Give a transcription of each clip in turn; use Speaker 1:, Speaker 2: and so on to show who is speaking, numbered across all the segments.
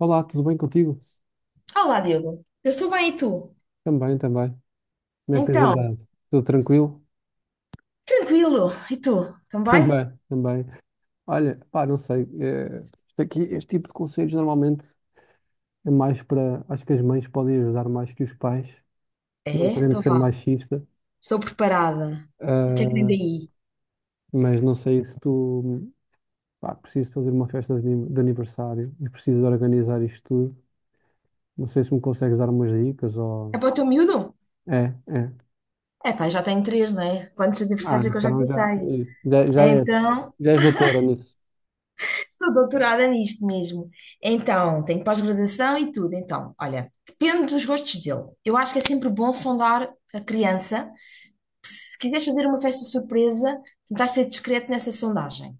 Speaker 1: Olá, tudo bem contigo?
Speaker 2: Olá, Diogo. Eu estou bem, e tu?
Speaker 1: Também, também. Como é que tens
Speaker 2: Então,
Speaker 1: andado? Tudo tranquilo?
Speaker 2: tranquilo. E tu? Também?
Speaker 1: Também, também. Olha, pá, não sei. Isto aqui, este tipo de conselhos normalmente é mais para. Acho que as mães podem ajudar mais que os pais, não
Speaker 2: É,
Speaker 1: querendo
Speaker 2: então
Speaker 1: ser
Speaker 2: vá.
Speaker 1: machista.
Speaker 2: Estou preparada. O que é que vem
Speaker 1: ah,
Speaker 2: daí?
Speaker 1: mas não sei se tu. Pá, preciso fazer uma festa de aniversário e preciso de organizar isto tudo. Não sei se me consegues dar umas dicas ou.
Speaker 2: É para o teu miúdo?
Speaker 1: É, é.
Speaker 2: É pá, já tenho três, não é? Quantos
Speaker 1: Ah,
Speaker 2: aniversários é que eu já
Speaker 1: então já,
Speaker 2: passei?
Speaker 1: já és,
Speaker 2: Então,
Speaker 1: já és doutora nisso.
Speaker 2: sou doutorada nisto mesmo. Então, tenho pós-graduação e tudo. Então, olha, depende dos gostos dele. Eu acho que é sempre bom sondar a criança. Se quiseres fazer uma festa surpresa, tentar ser discreto nessa sondagem.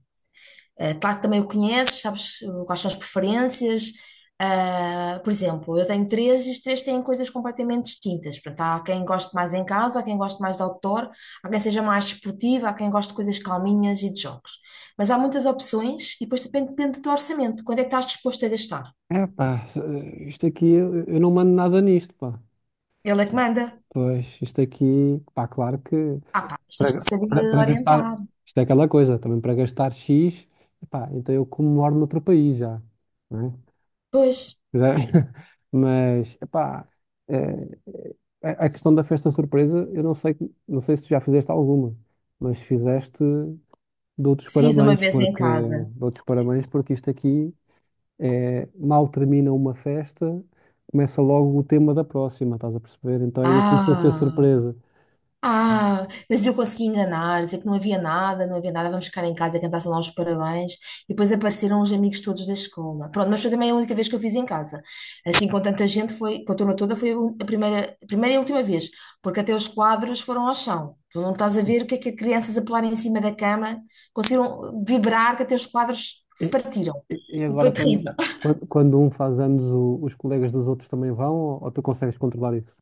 Speaker 2: Claro que também o conheces, sabes quais são as preferências. Ah, por exemplo, eu tenho três e os três têm coisas completamente distintas. Portanto, há quem goste mais em casa, há quem goste mais de outdoor, há quem seja mais esportivo, há quem goste de coisas calminhas e de jogos. Mas há muitas opções e depois depende do teu orçamento. Quando é que estás disposto a gastar?
Speaker 1: É pá, isto aqui eu não mando nada nisto, pá.
Speaker 2: Ele é que manda.
Speaker 1: Pois, isto aqui, pá, claro que
Speaker 2: Ah, pá, mas tens que
Speaker 1: para
Speaker 2: saber
Speaker 1: para gastar,
Speaker 2: orientar.
Speaker 1: isto é aquela coisa, também para gastar X, pá, então eu como moro noutro país já, não é?
Speaker 2: Pois,
Speaker 1: Já- Mas, epá, eh, a questão da festa surpresa, eu não sei, não sei se tu já fizeste alguma, mas fizeste, dou-te os
Speaker 2: fiz uma
Speaker 1: parabéns,
Speaker 2: vez em
Speaker 1: porque
Speaker 2: casa.
Speaker 1: dou-te os parabéns porque isto aqui é, mal termina uma festa, começa logo o tema da próxima, estás a perceber? Então é difícil ser
Speaker 2: Ah!
Speaker 1: surpresa.
Speaker 2: Ah, mas eu consegui enganar, dizer que não havia nada, não havia nada, vamos ficar em casa e cantar só lá os parabéns. E depois apareceram os amigos todos da escola. Pronto, mas foi também a única vez que eu fiz em casa. Assim, com tanta gente, foi, com a turma toda, foi a primeira e última vez, porque até os quadros foram ao chão. Tu não estás a ver o que é que as crianças a pular em cima da cama conseguiram vibrar que até os quadros
Speaker 1: E,
Speaker 2: se partiram.
Speaker 1: e
Speaker 2: Foi
Speaker 1: agora,
Speaker 2: terrível.
Speaker 1: quando um faz anos, os colegas dos outros também vão, ou tu consegues controlar isso?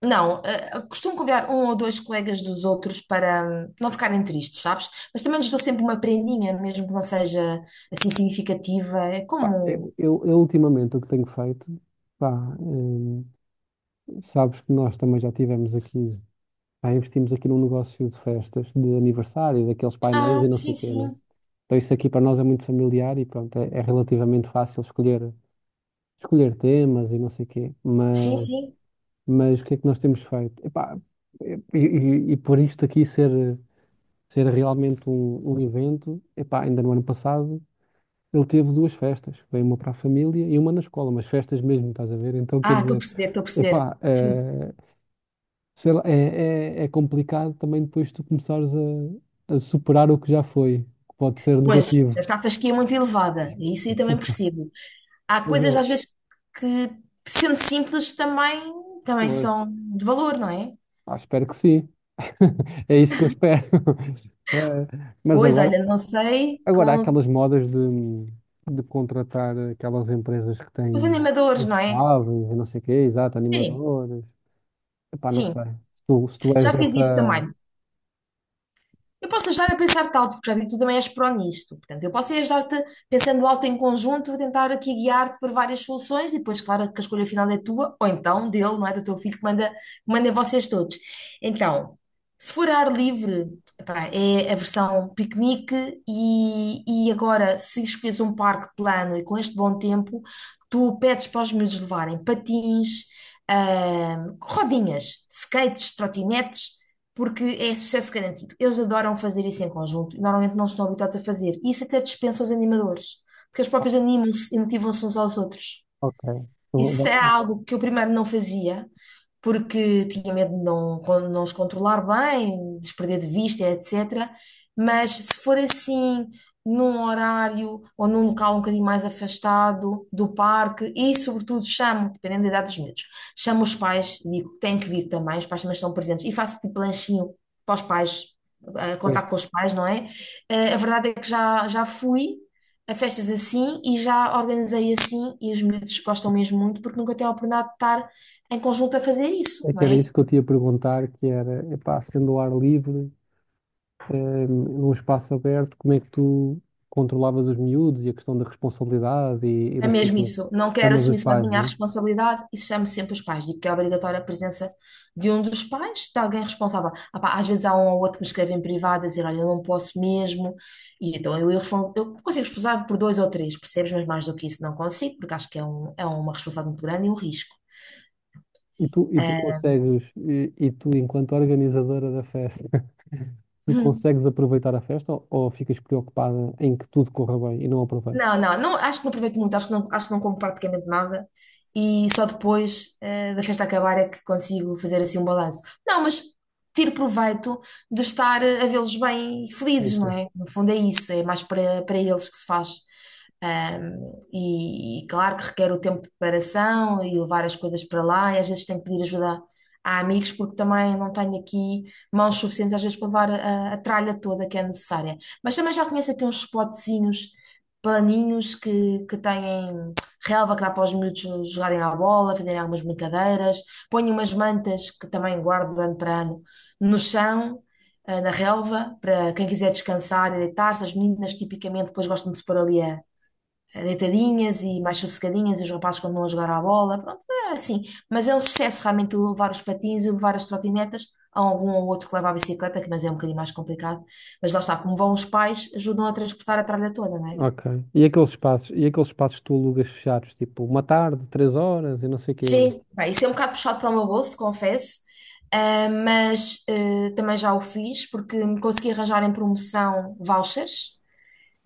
Speaker 2: Não, costumo convidar um ou dois colegas dos outros para não ficarem tristes, sabes? Mas também lhes dou sempre uma prendinha, mesmo que não seja assim significativa. É
Speaker 1: Pá,
Speaker 2: como.
Speaker 1: eu ultimamente o que tenho feito, pá, sabes que nós também já tivemos aqui, pá, investimos aqui num negócio de festas, de aniversário, daqueles painéis
Speaker 2: Ah,
Speaker 1: e não sei
Speaker 2: sim,
Speaker 1: o quê, né?
Speaker 2: sim.
Speaker 1: Então isso aqui para nós é muito familiar e pronto, é, é relativamente fácil escolher escolher temas e não sei o quê,
Speaker 2: Sim, sim.
Speaker 1: mas o que é que nós temos feito? Epá, e por isto aqui ser, ser realmente um, um evento, epá, ainda no ano passado ele teve duas festas, veio uma para a família e uma na escola, mas festas mesmo, estás a ver? Então quer
Speaker 2: Ah, estou a
Speaker 1: dizer,
Speaker 2: perceber, estou a perceber.
Speaker 1: epá,
Speaker 2: Sim.
Speaker 1: sei lá, é complicado também depois tu começares a superar o que já foi, que pode ser
Speaker 2: Pois,
Speaker 1: negativo.
Speaker 2: já está a fasquia muito elevada. E isso aí também percebo. Há
Speaker 1: Mas
Speaker 2: coisas às vezes que, sendo simples, também
Speaker 1: eu,
Speaker 2: são de valor, não é?
Speaker 1: ah, espero que sim. É isso que eu espero. Eh, Mas
Speaker 2: Pois,
Speaker 1: agora,
Speaker 2: olha, não sei,
Speaker 1: agora, há
Speaker 2: com
Speaker 1: aquelas modas de contratar aquelas empresas que
Speaker 2: os
Speaker 1: têm
Speaker 2: animadores, não é?
Speaker 1: infláveis e não sei o quê, exato,
Speaker 2: Sim,
Speaker 1: animadores. Epá, não
Speaker 2: sim.
Speaker 1: sei. Se tu, se tu és
Speaker 2: Já fiz isso
Speaker 1: dessa.
Speaker 2: também. Eu posso ajudar a pensar-te alto, porque já vi que tu também és pró nisto. Portanto, eu posso é ajudar-te pensando alto em conjunto, vou tentar aqui guiar-te para várias soluções e depois, claro, que a escolha final é tua, ou então dele, não é? Do teu filho que manda em vocês todos. Então, se for ar livre, epá, é a versão piquenique e agora, se escolhes um parque plano e com este bom tempo, tu pedes para os miúdos levarem patins, rodinhas, skates, trotinetes porque é sucesso garantido. Eles adoram fazer isso em conjunto e normalmente não estão habituados a fazer. E isso até dispensa os animadores, porque eles próprios animam-se e motivam-se uns aos outros.
Speaker 1: Ok. Então, vá,
Speaker 2: Isso é algo que eu primeiro não fazia, porque tinha medo de não, não os controlar bem, desprender de vista, etc. Mas se for assim, num horário ou num local um bocadinho mais afastado do parque, e sobretudo chamo, dependendo da idade dos miúdos, chamo os pais, e digo que têm que vir também, os pais também estão presentes, e faço tipo lanchinho para os pais, a
Speaker 1: pois,
Speaker 2: contar com os pais, não é? A verdade é que já fui a festas assim e já organizei assim e os miúdos gostam mesmo muito porque nunca têm a oportunidade de estar em conjunto a fazer isso,
Speaker 1: é
Speaker 2: não
Speaker 1: que era
Speaker 2: é?
Speaker 1: isso que eu te ia perguntar, que era, epá, sendo ao ar livre, num espaço aberto, como é que tu controlavas os miúdos e a questão da responsabilidade e
Speaker 2: É
Speaker 1: não sei o
Speaker 2: mesmo
Speaker 1: quê.
Speaker 2: isso. Não quero
Speaker 1: Chamas os
Speaker 2: assumir
Speaker 1: pais,
Speaker 2: sozinha a
Speaker 1: não é?
Speaker 2: responsabilidade e chamo sempre os pais. Digo que é obrigatória a presença de um dos pais, de alguém responsável. Ah pá, às vezes há um ou outro que me escreve em privado a dizer, olha, eu não posso mesmo. E então eu, respondo, eu consigo responsabilizar por dois ou três, percebes? Mas mais do que isso não consigo, porque acho que é, um, é uma responsabilidade muito grande e um risco.
Speaker 1: E tu consegues, e tu, enquanto organizadora da festa, tu consegues aproveitar a festa ou ficas preocupada em que tudo corra bem e não aproveitas?
Speaker 2: Não, não, não, acho que não aproveito muito, acho que não como praticamente nada e só depois da festa acabar é que consigo fazer assim um balanço. Não, mas tiro proveito de estar a vê-los bem e
Speaker 1: Sim,
Speaker 2: felizes, não
Speaker 1: sim.
Speaker 2: é? No fundo é isso, é mais para eles que se faz. E claro que requer o tempo de preparação e levar as coisas para lá, e às vezes tenho que pedir ajuda a amigos, porque também não tenho aqui mãos suficientes às vezes para levar a tralha toda que é necessária. Mas também já conheço aqui uns spotzinhos planinhos que têm relva que dá para os miúdos jogarem à bola, fazerem algumas brincadeiras, ponho umas mantas que também guardo de ano para ano no chão, na relva, para quem quiser descansar e deitar-se. As meninas tipicamente depois gostam de se pôr ali a deitadinhas e mais sossegadinhas, e os rapazes continuam a jogar à bola, pronto, é assim. Mas é um sucesso realmente o levar os patins e o levar as trotinetas. Há algum ou outro que leva a bicicleta, que mas é um bocadinho mais complicado. Mas lá está, como vão os pais, ajudam a transportar a tralha toda, não é?
Speaker 1: Ok. E aqueles espaços que tu alugas fechados, tipo uma tarde, três horas e não sei o quê,
Speaker 2: Sim, pá, isso é um bocado puxado para o meu bolso, confesso, ah, mas também já o fiz porque me consegui arranjar em promoção vouchers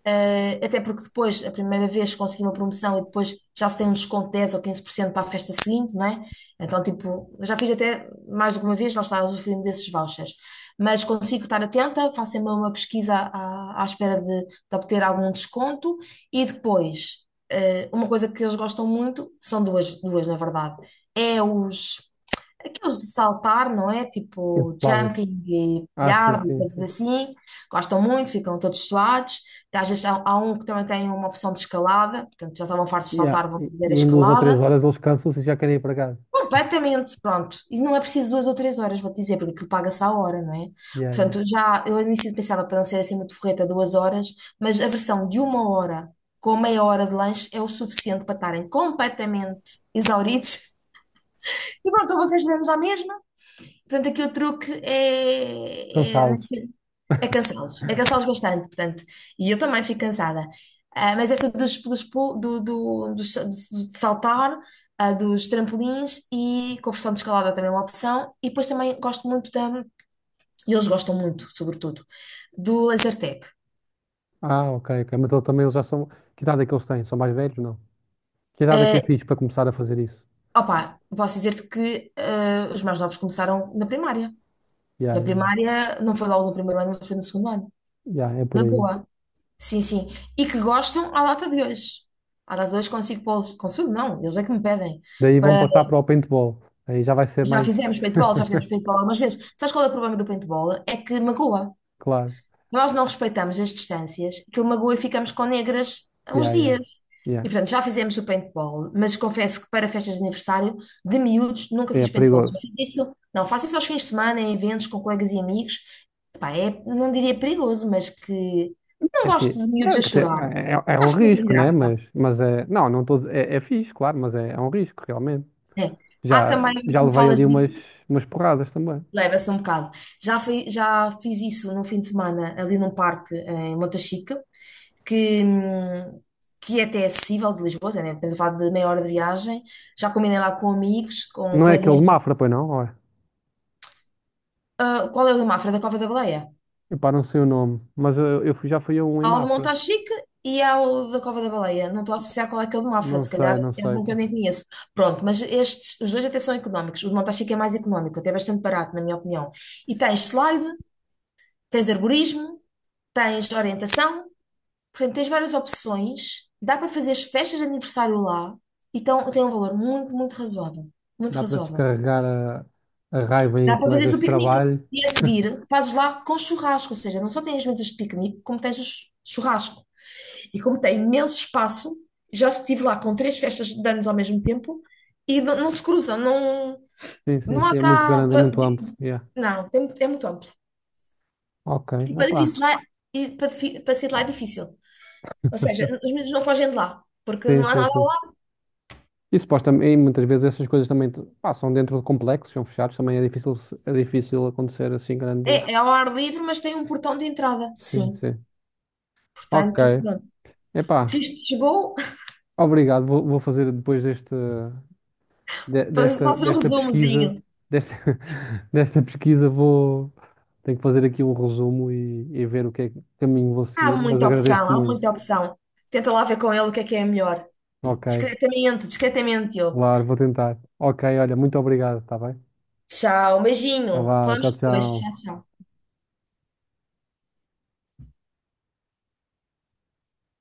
Speaker 2: até porque depois, a primeira vez consegui uma promoção e depois já se tem um desconto de 10 ou 15% para a festa seguinte, não é? Então, tipo, eu já fiz até mais do que uma vez, lá está, usufruindo desses vouchers. Mas consigo estar atenta, faço sempre uma pesquisa à, à espera de obter algum desconto e depois, uma coisa que eles gostam muito, são duas, duas na verdade, é os aqueles de saltar, não é? Tipo
Speaker 1: insupeláveis.
Speaker 2: jumping e
Speaker 1: Ah, sim,
Speaker 2: yard e
Speaker 1: sim,
Speaker 2: coisas
Speaker 1: sim.
Speaker 2: assim. Gostam muito, ficam todos suados. Às vezes há um que também tem uma opção de escalada, portanto já estavam fartos de
Speaker 1: Yeah.
Speaker 2: saltar, vão fazer a
Speaker 1: E em duas ou três
Speaker 2: escalada.
Speaker 1: horas eles cansam-se e já querem ir para casa.
Speaker 2: Completamente, pronto. E não é preciso 2 ou 3 horas, vou-te dizer, porque aquilo paga-se à hora, não é?
Speaker 1: Yeah, yeah.
Speaker 2: Portanto, já, eu ao início pensava para não ser assim muito forreta, 2 horas, mas a versão de uma hora com meia hora de lanche é o suficiente para estarem completamente exauridos. E pronto, eu vou fazer à mesma. Portanto, aqui o truque é, é,
Speaker 1: Cansá-los.
Speaker 2: é cansá-los bastante, portanto. E eu também fico cansada. Ah, mas essa dos, dos, pul- do, do, dos- do- saltar, ah, dos trampolins e conversão de escalada também é uma opção. E depois também gosto muito da, e eles gostam muito, sobretudo, do laser tag.
Speaker 1: Ah, ok, ok. Mas eles também eles já são. Que idade é que eles têm? São mais velhos? Não. Que idade é que é
Speaker 2: Eh,
Speaker 1: fixe para começar a fazer isso?
Speaker 2: Opa, posso dizer-te que os mais novos começaram na primária.
Speaker 1: Yeah,
Speaker 2: Na
Speaker 1: yeah.
Speaker 2: primária, não foi logo no primeiro ano, mas foi no segundo ano.
Speaker 1: Yeah, é por
Speaker 2: Na
Speaker 1: aí.
Speaker 2: boa. Sim, sim. E que gostam à data de hoje. À data de hoje consigo pô-los. Consigo, não, eles é que me pedem.
Speaker 1: Daí vão
Speaker 2: Para...
Speaker 1: passar para o paintball. Aí já vai ser mais.
Speaker 2: Já fizemos paintball algumas vezes. Sabes qual é o problema do paintball? É que magoa,
Speaker 1: Claro.
Speaker 2: nós não respeitamos as distâncias, que o magoa e ficamos com negras uns
Speaker 1: Yeah, yeah.
Speaker 2: dias.
Speaker 1: Yeah.
Speaker 2: E portanto, já fizemos o paintball, mas confesso que para festas de aniversário, de miúdos, nunca
Speaker 1: É
Speaker 2: fiz paintball. Já
Speaker 1: perigoso.
Speaker 2: fiz isso, não, faço isso aos fins de semana, em eventos com colegas e amigos. Epá, é, não diria perigoso, mas que não
Speaker 1: É
Speaker 2: gosto
Speaker 1: assim.
Speaker 2: de miúdos
Speaker 1: É,
Speaker 2: a
Speaker 1: quer dizer,
Speaker 2: chorar.
Speaker 1: é um
Speaker 2: Acho que não tem
Speaker 1: risco, né?
Speaker 2: graça.
Speaker 1: Mas é. Não, não estou. É, é fixe, claro, mas é, é um risco, realmente.
Speaker 2: É. Há
Speaker 1: Já,
Speaker 2: também,
Speaker 1: já
Speaker 2: como
Speaker 1: levei
Speaker 2: falas
Speaker 1: ali umas,
Speaker 2: disso,
Speaker 1: umas porradas também.
Speaker 2: leva-se um bocado. Já fiz isso num fim de semana ali num parque em Montachique que, hum, que até é até acessível de Lisboa, né? Estamos a falar de meia hora de viagem. Já combinei lá com amigos, com
Speaker 1: Não é aquele
Speaker 2: coleguinhas.
Speaker 1: de Mafra, pois não? Olha.
Speaker 2: Ah, qual é o de Mafra? Da Cova da Baleia?
Speaker 1: Epá, não sei o nome. Mas eu, já fui a um em
Speaker 2: Há o de
Speaker 1: Mafra.
Speaker 2: Montachique e há o da Cova da Baleia. Não estou a associar qual é que é o de Mafra,
Speaker 1: Não
Speaker 2: se calhar
Speaker 1: sei, não
Speaker 2: é
Speaker 1: sei,
Speaker 2: algum que eu
Speaker 1: pá.
Speaker 2: nem conheço. Pronto, mas estes, os dois até são económicos. O de Montachique é mais económico, até bastante barato, na minha opinião. E tens slide, tens arborismo, tens orientação. Portanto, tens várias opções, dá para fazer as festas de aniversário lá, então tem um valor muito, muito razoável. Muito
Speaker 1: Dá para
Speaker 2: razoável.
Speaker 1: descarregar a raiva em
Speaker 2: Dá para fazeres
Speaker 1: colegas
Speaker 2: o
Speaker 1: de
Speaker 2: piquenique.
Speaker 1: trabalho.
Speaker 2: E a seguir, fazes lá com churrasco, ou seja, não só tens as mesas de piquenique, como tens o churrasco. E como tem imenso espaço, já estive lá com três festas de anos ao mesmo tempo e não, não se cruzam, não,
Speaker 1: Sim, sim,
Speaker 2: não há
Speaker 1: sim. É muito
Speaker 2: cá.
Speaker 1: grande, é muito amplo. Yeah.
Speaker 2: Não, é muito amplo.
Speaker 1: Ok.
Speaker 2: E para,
Speaker 1: Epá.
Speaker 2: difícil lá, e para, difi- para sair de lá é difícil. Ou seja, os miúdos não fogem de lá, porque
Speaker 1: Sim,
Speaker 2: não há
Speaker 1: sim,
Speaker 2: nada.
Speaker 1: sim. E supostamente, e muitas vezes essas coisas também pá, são dentro de complexos, são fechados, também é difícil, é difícil acontecer assim grande.
Speaker 2: É, é ao ar livre, mas tem um portão de entrada.
Speaker 1: Sim,
Speaker 2: Sim.
Speaker 1: sim. Ok.
Speaker 2: Portanto, pronto. Se
Speaker 1: Epá,
Speaker 2: isto te chegou,
Speaker 1: obrigado. Vou, vou fazer depois deste, desta,
Speaker 2: faça um
Speaker 1: desta pesquisa,
Speaker 2: resumozinho.
Speaker 1: desta, desta pesquisa vou, tenho que fazer aqui um resumo e ver o que é que caminho vou
Speaker 2: Há
Speaker 1: seguir, mas
Speaker 2: muita
Speaker 1: agradeço-te
Speaker 2: opção, há
Speaker 1: muito.
Speaker 2: muita opção. Tenta lá ver com ele o que é melhor.
Speaker 1: Ok,
Speaker 2: Discretamente, discretamente, Diogo.
Speaker 1: claro, vou tentar. Ok, olha, muito obrigado, está bem?
Speaker 2: Tchau,
Speaker 1: Tá
Speaker 2: beijinho.
Speaker 1: vá,
Speaker 2: Falamos
Speaker 1: tchau,
Speaker 2: depois. Tchau,
Speaker 1: tchau.
Speaker 2: tchau.